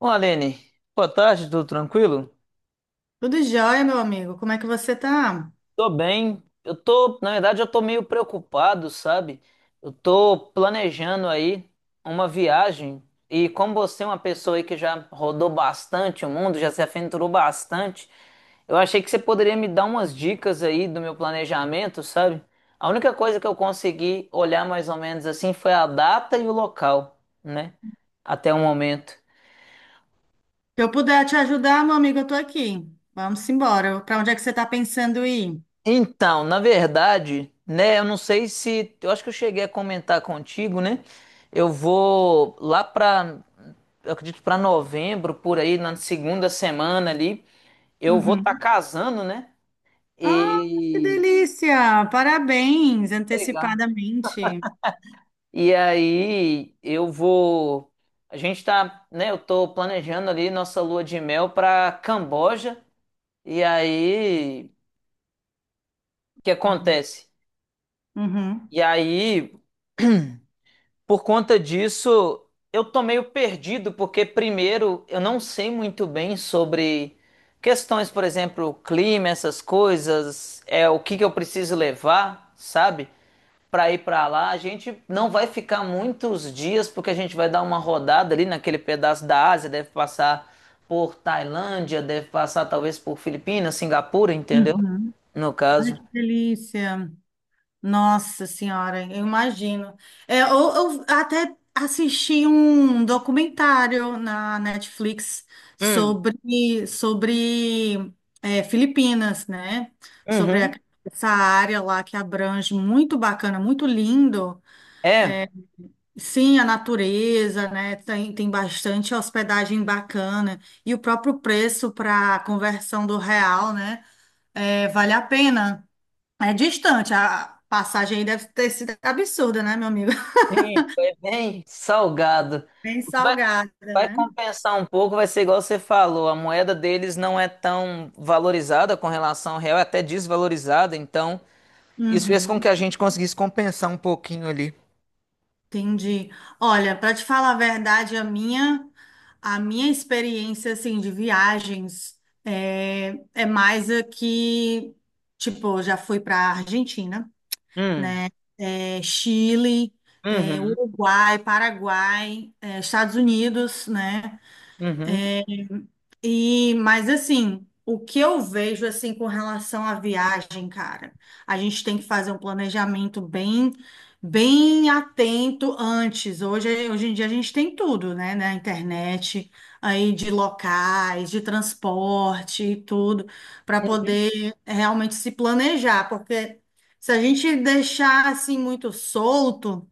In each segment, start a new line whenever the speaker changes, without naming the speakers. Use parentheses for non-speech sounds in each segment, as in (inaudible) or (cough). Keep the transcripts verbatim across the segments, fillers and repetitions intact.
Bom, Aline, boa tarde, tudo tranquilo?
Tudo jóia, meu amigo. Como é que você tá?
Tô bem. Eu tô, na verdade, eu tô meio preocupado, sabe? Eu tô planejando aí uma viagem e como você é uma pessoa aí que já rodou bastante o mundo, já se aventurou bastante, eu achei que você poderia me dar umas dicas aí do meu planejamento, sabe? A única coisa que eu consegui olhar mais ou menos assim foi a data e o local, né? Até o momento.
Se eu puder te ajudar, meu amigo, eu tô aqui. Vamos embora. Para onde é que você tá pensando ir?
Então, na verdade, né, eu não sei se, eu acho que eu cheguei a comentar contigo, né? Eu vou lá pra, eu acredito pra novembro, por aí, na segunda semana ali, eu vou estar
Uhum.
casando, né?
Ah, que
E
delícia! Parabéns,
Legal.
antecipadamente.
E aí eu vou, a gente tá, né, eu tô planejando ali nossa lua de mel pra Camboja. E aí, o que
Uhum.
acontece?
Uhum.
E aí (clears throat) Por conta disso, eu tô meio perdido, porque primeiro eu não sei muito bem sobre questões, por exemplo, clima, essas coisas, é o que que eu preciso levar, sabe? Para ir para lá, a gente não vai ficar muitos dias, porque a gente vai dar uma rodada ali naquele pedaço da Ásia, deve passar por Tailândia, deve passar talvez por Filipinas, Singapura, entendeu?
Uhum.
No caso.
Que delícia! Nossa Senhora, eu imagino. É, eu, eu até assisti um documentário na Netflix
Hum,
sobre, sobre é, Filipinas, né? Sobre a-
uhum.
essa área lá que abrange, muito bacana, muito lindo.
É,
Sim, a natureza, né? Tem, tem bastante hospedagem bacana. E o próprio preço para a conversão do real, né? É, vale a pena. É distante, a passagem aí deve ter sido absurda, né, meu amigo? (laughs)
sim, foi bem salgado.
Bem salgada,
Vai
né?
compensar um pouco, vai ser igual você falou, a moeda deles não é tão valorizada com relação ao real, é até desvalorizada, então isso fez com que
Uhum,
a gente conseguisse compensar um pouquinho ali.
entendi. Olha, para te falar a verdade, a minha a minha experiência assim de viagens é, é mais aqui, tipo, eu já fui para Argentina,
Hum,
né? É, Chile, é,
uhum,
Uruguai, Paraguai, é, Estados Unidos, né?
uhum,
E, mas assim, o que eu vejo assim com relação à viagem, cara, a gente tem que fazer um planejamento bem, bem atento antes. Hoje, hoje em dia a gente tem tudo, né, na internet, aí de locais, de transporte e tudo, para
uhum.
poder realmente se planejar, porque se a gente deixar assim muito solto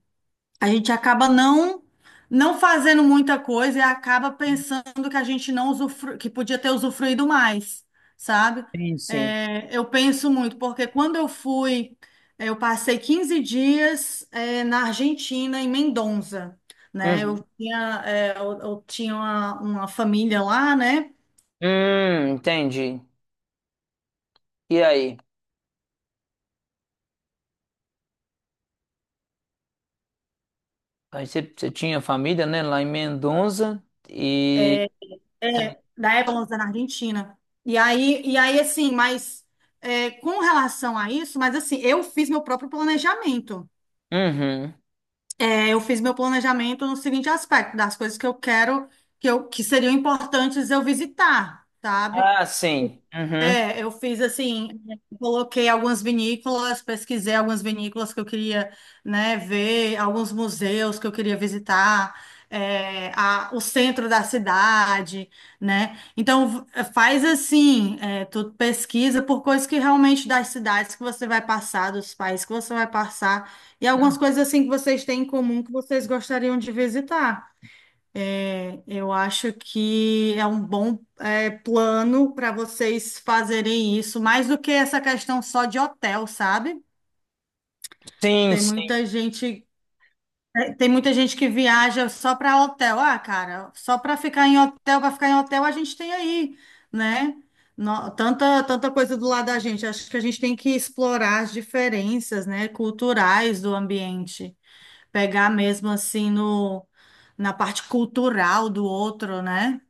a gente acaba não não fazendo muita coisa e acaba pensando que a gente não usufru... que podia ter usufruído mais, sabe?
Sim, sim.
É, eu penso muito, porque quando eu fui, eu passei quinze dias, é, na Argentina, em Mendoza, né?
Uhum.
Eu tinha, é, eu, eu tinha uma, uma família lá, né?
Hum, entendi. E aí? Aí você, você tinha família, né, lá em Mendonça e...
É, da época na Argentina. E aí, e aí assim, mas é, com relação a isso, mas assim, eu fiz meu próprio planejamento.
Uhum.
É, eu fiz meu planejamento no seguinte aspecto, das coisas que eu quero, que, eu, que seriam importantes eu visitar, sabe?
Ah, sim. Uhum.
É, eu fiz assim, coloquei algumas vinícolas, pesquisei algumas vinícolas que eu queria, né, ver, alguns museus que eu queria visitar, é, a- o centro da cidade, né? Então v- faz assim, é, tu pesquisa por coisas que realmente das cidades que você vai passar, dos países que você vai passar, e algumas coisas assim que vocês têm em comum que vocês gostariam de visitar. É, Eu acho que é um bom é, plano para vocês fazerem isso, mais do que essa questão só de hotel, sabe?
Sim,
Tem
sim.
muita gente, é, tem muita gente que viaja só para hotel. Ah, cara, só para ficar em hotel, para ficar em hotel, a gente tem aí, né? No- tanta, tanta coisa do lado da gente. Acho que a gente tem que explorar as diferenças, né, culturais do ambiente. Pegar mesmo assim no, na parte cultural do outro, né?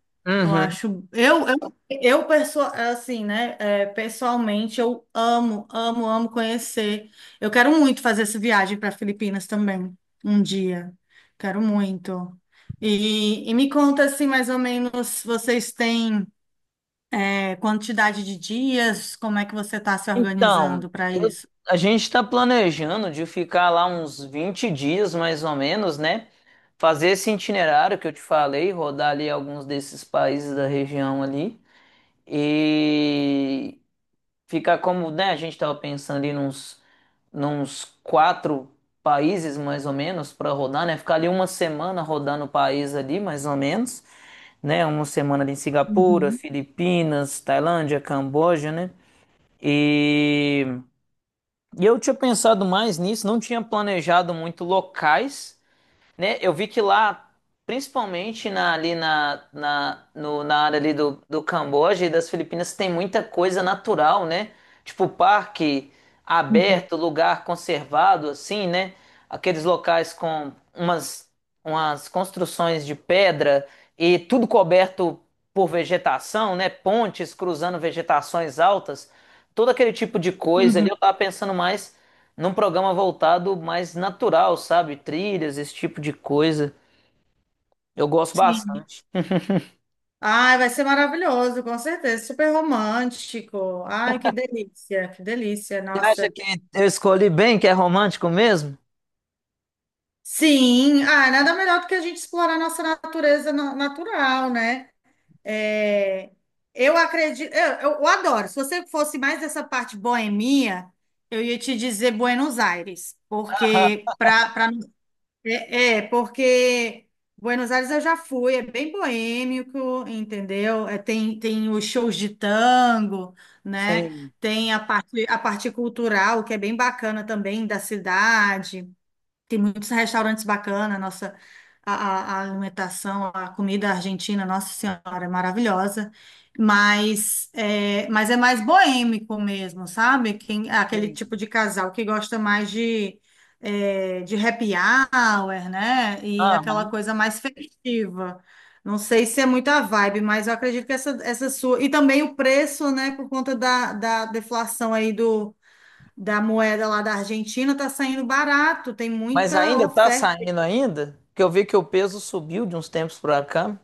Eu
Uhum.
acho, eu, eu, eu perso- assim, né? É, pessoalmente, eu amo, amo, amo conhecer. Eu quero muito fazer essa viagem para Filipinas também, um dia. Quero muito. E, e me conta assim, mais ou menos, vocês têm é, quantidade de dias? Como é que você está se
Então,
organizando para
eu-
isso?
a gente está planejando de ficar lá uns vinte dias, mais ou menos, né? Fazer esse itinerário que eu te falei, rodar ali alguns desses países da região ali e ficar como, né? A gente estava pensando ali nos, nos quatro países, mais ou menos, para rodar, né? Ficar ali uma semana rodando o país ali, mais ou menos, né? Uma semana ali em Singapura, Filipinas, Tailândia, Camboja, né? E e eu tinha pensado mais nisso, não tinha planejado muito locais, né? Eu vi que lá, principalmente na, ali na, na, no- na área ali do, do Camboja e das Filipinas, tem muita coisa natural, né? Tipo parque
Uhum.
aberto, lugar conservado, assim, né? Aqueles locais com umas, umas construções de pedra e tudo coberto por vegetação, né? Pontes cruzando vegetações altas, todo aquele tipo de coisa ali.
Uhum.
Eu tava pensando mais num programa voltado mais natural, sabe? Trilhas, esse tipo de coisa. Eu gosto
Sim.
bastante.
Ai, vai ser maravilhoso, com certeza. Super romântico. Ai, que delícia, que delícia.
Você acha
Nossa.
que eu escolhi bem, que é romântico mesmo?
Sim, ah, nada melhor do que a gente explorar nossa natureza na- natural, né? É, eu acredito, eu, eu- adoro. Se você fosse mais dessa parte boemia, eu ia te dizer Buenos Aires,
Aham.
porque para para é, é, porque Buenos Aires eu já fui, é bem boêmico, entendeu? É, tem tem os shows de tango, né?
Sim,
Tem a parte a parte cultural que é bem bacana também da cidade. Tem muitos restaurantes bacanas, nossa, a, a- a alimentação, a comida argentina, Nossa Senhora, é maravilhosa. Mas é, mas é mais boêmico mesmo, sabe? Quem, aquele tipo
sim.
de casal que gosta mais de, é, de happy hour, né? E aquela
Aham.
coisa mais festiva. Não sei se é muita vibe, mas eu acredito que essa, essa sua. E também o preço, né? Por conta da, da deflação aí da moeda lá da Argentina tá saindo barato, tem
Mas
muita
ainda tá
oferta.
saindo ainda? Porque eu vi que o peso subiu de uns tempos pra cá.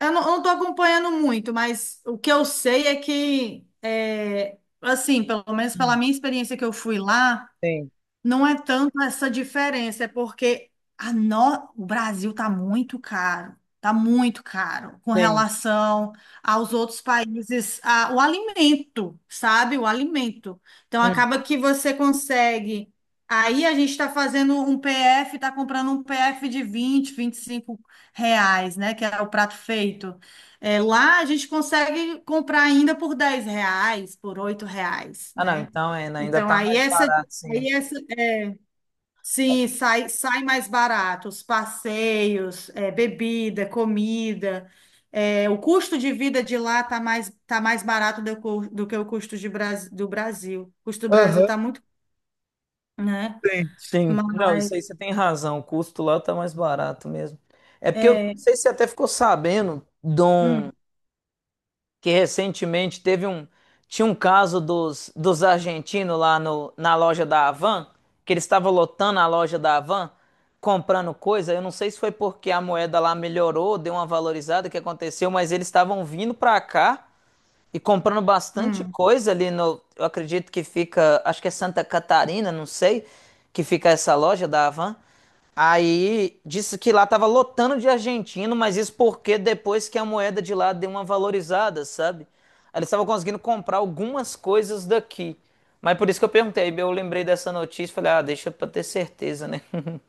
Eu não, eu não tô acompanhando muito, mas o que eu sei é que, é, assim, pelo menos pela
Hum.
minha experiência que eu fui lá,
Sim,
não é tanto essa diferença, é porque a no... o Brasil está muito caro, está muito caro com
sim.
relação aos outros países, a- o alimento, sabe? O alimento. Então acaba
Hum.
que você consegue. Aí a gente está fazendo um P F, está comprando um P F de vinte vinte e cinco reais, né? Que é o prato feito. É, lá a gente consegue comprar ainda por dez reais, por oito reais,
Ah, não,
né?
então ainda, ainda
Então
tá
aí
mais
essa.
barato, sim.
Aí essa Sim, sai, sai mais barato, os passeios, é, bebida, comida, é, o custo de vida de lá tá mais, tá mais barato do, cu- do que o custo de Bras- do Brasil. O custo do Brasil
Aham,
tá muito, né?
sim. Sim. Não,
Mas,
isso aí você tem razão. O custo lá tá mais barato mesmo. É porque eu não
é,
sei se você até ficou sabendo de um,
hum,
que recentemente teve um tinha um caso dos, dos argentinos lá no, na loja da Havan, que eles estavam lotando a loja da Havan, comprando coisa. Eu não sei se foi porque a moeda lá melhorou, deu uma valorizada o que aconteceu, mas eles estavam vindo para cá e comprando bastante
hum.
coisa ali no... Eu acredito que fica. Acho que é Santa Catarina, não sei. Que fica essa loja da Havan. Aí disse que lá tava lotando de argentino, mas isso porque depois que a moeda de lá deu uma valorizada, sabe? Aí eles estavam conseguindo comprar algumas coisas daqui. Mas por isso que eu perguntei. Eu lembrei dessa notícia e falei, ah, deixa pra ter certeza, né? (laughs)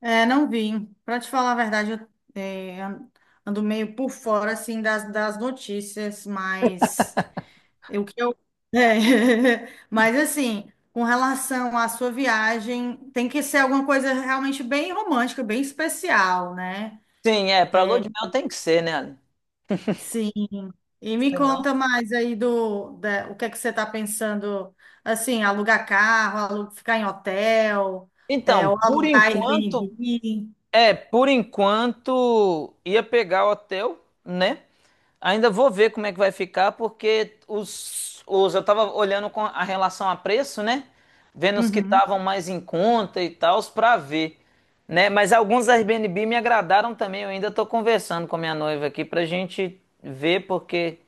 É, não vim. Para te falar a verdade, eu é, an- ando meio por fora, assim, das, das notícias mais. É o que eu... É. (laughs) Mas assim, com relação à sua viagem, tem que ser alguma coisa realmente bem romântica, bem especial, né?
Sim, é. Pra lua de mel tem que ser, né, Ale?
Sim. E me
Senão...
conta mais aí do, da- o que é que você está pensando, assim, alugar carro, alu- ficar em hotel, é,
Então,
ou
por
alugar
enquanto.
Airbnb.
É, por enquanto ia pegar o hotel, né? Ainda vou ver como é que vai ficar, porque os, os eu tava olhando com a relação a preço, né? Vendo os que
Uhum.
estavam mais em conta e tal, pra ver, né? Mas alguns Airbnb me agradaram também. Eu ainda tô conversando com a minha noiva aqui pra gente ver, porque,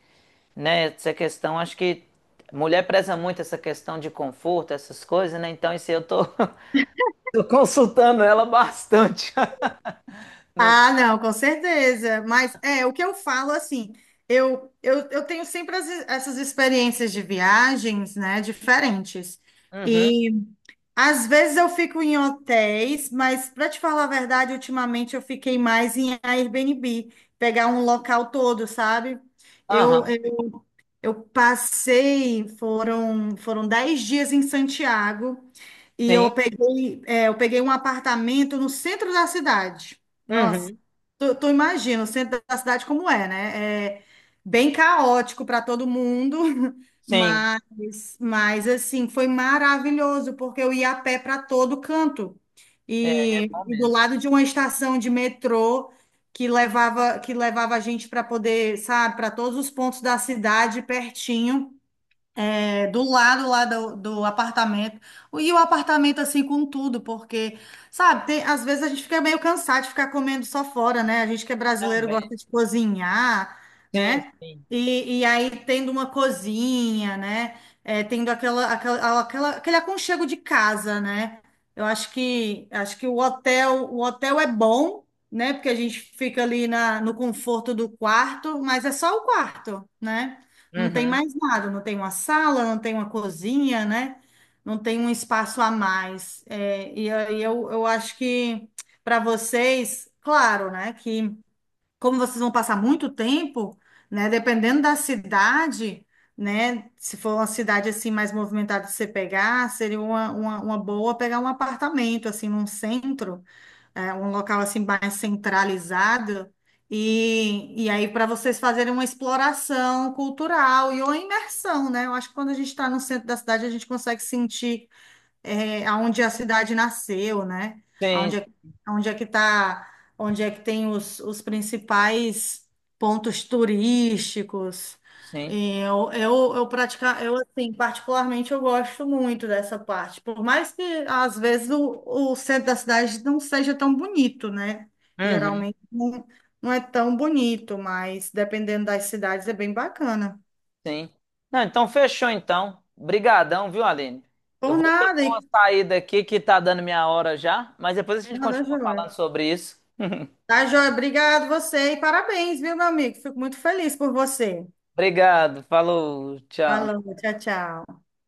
né, essa questão, acho que mulher preza muito essa questão de conforto, essas coisas, né? Então, isso aí eu tô, (laughs) tô consultando ela bastante.
Ah,
(laughs)
não, com certeza. Mas é o que eu falo assim, eu, eu, eu tenho sempre as- essas experiências de viagens, né, diferentes.
Uhum.
E às vezes eu fico em hotéis, mas para te falar a verdade, ultimamente eu fiquei mais em Airbnb, pegar um local todo, sabe? Eu,
Aham.
eu, eu passei, foram, foram dez dias em Santiago. E
Sim.
eu peguei, é, eu peguei um apartamento no centro da cidade. Nossa,
Uhum.
tu, tu imagina o centro da cidade como é, né? É bem caótico para todo mundo, (laughs)
Sim.
mas, mas assim, foi maravilhoso, porque eu ia a pé para todo canto.
É, aí é
E,
bom
e do
mesmo.
lado de uma estação de metrô que levava, que levava a gente para poder, sabe, para todos os pontos da cidade pertinho é, do lado lá do, do apartamento. E o apartamento assim com tudo, porque, sabe, tem- às vezes a gente fica meio cansado de ficar comendo só fora, né? A gente que é brasileiro
Também.
gosta de cozinhar,
Sim,
né?
sim.
E, e aí tendo uma cozinha, né? É, tendo aquela, aquela, aquela, aquele aconchego de casa, né? Eu acho que acho que o hotel, o hotel é bom, né? Porque a gente fica ali na, no conforto do quarto, mas é só o quarto, né? Não tem
Uhum.
mais nada, não tem uma sala, não tem uma cozinha, né? Não tem um espaço a mais. É, e aí eu, eu acho que para vocês, claro, né? Que como vocês vão passar muito tempo, né? Dependendo da cidade, né? Se for uma cidade assim mais movimentada de você pegar, seria uma, uma, uma boa pegar um apartamento assim num centro é, um local assim mais centralizado. E, e aí, para vocês fazerem uma exploração cultural e uma imersão, né? Eu acho que quando a gente está no centro da cidade, a gente consegue sentir é, aonde a cidade nasceu, né?
Sim,
Aonde é, aonde é que tá, onde é que tem os, os principais pontos turísticos.
sim.
E Eu, eu, eu praticar, eu assim, particularmente eu gosto muito dessa parte, por mais que às vezes o, o centro da cidade não seja tão bonito, né?
Uhum.
Geralmente não, não é tão bonito, mas dependendo das cidades é bem bacana.
Sim. Não, então fechou então. Brigadão, viu, Aline? Eu
Por
vou ter que
nada,
dar
e
uma saída aqui que tá dando minha hora já, mas depois a gente
nada,
continua falando
joia.
sobre isso. (laughs)
Tá, joia? Obrigado você e parabéns, viu, meu amigo? Fico muito feliz por você.
Obrigado. Falou. Tchau.
Falou, tchau, tchau.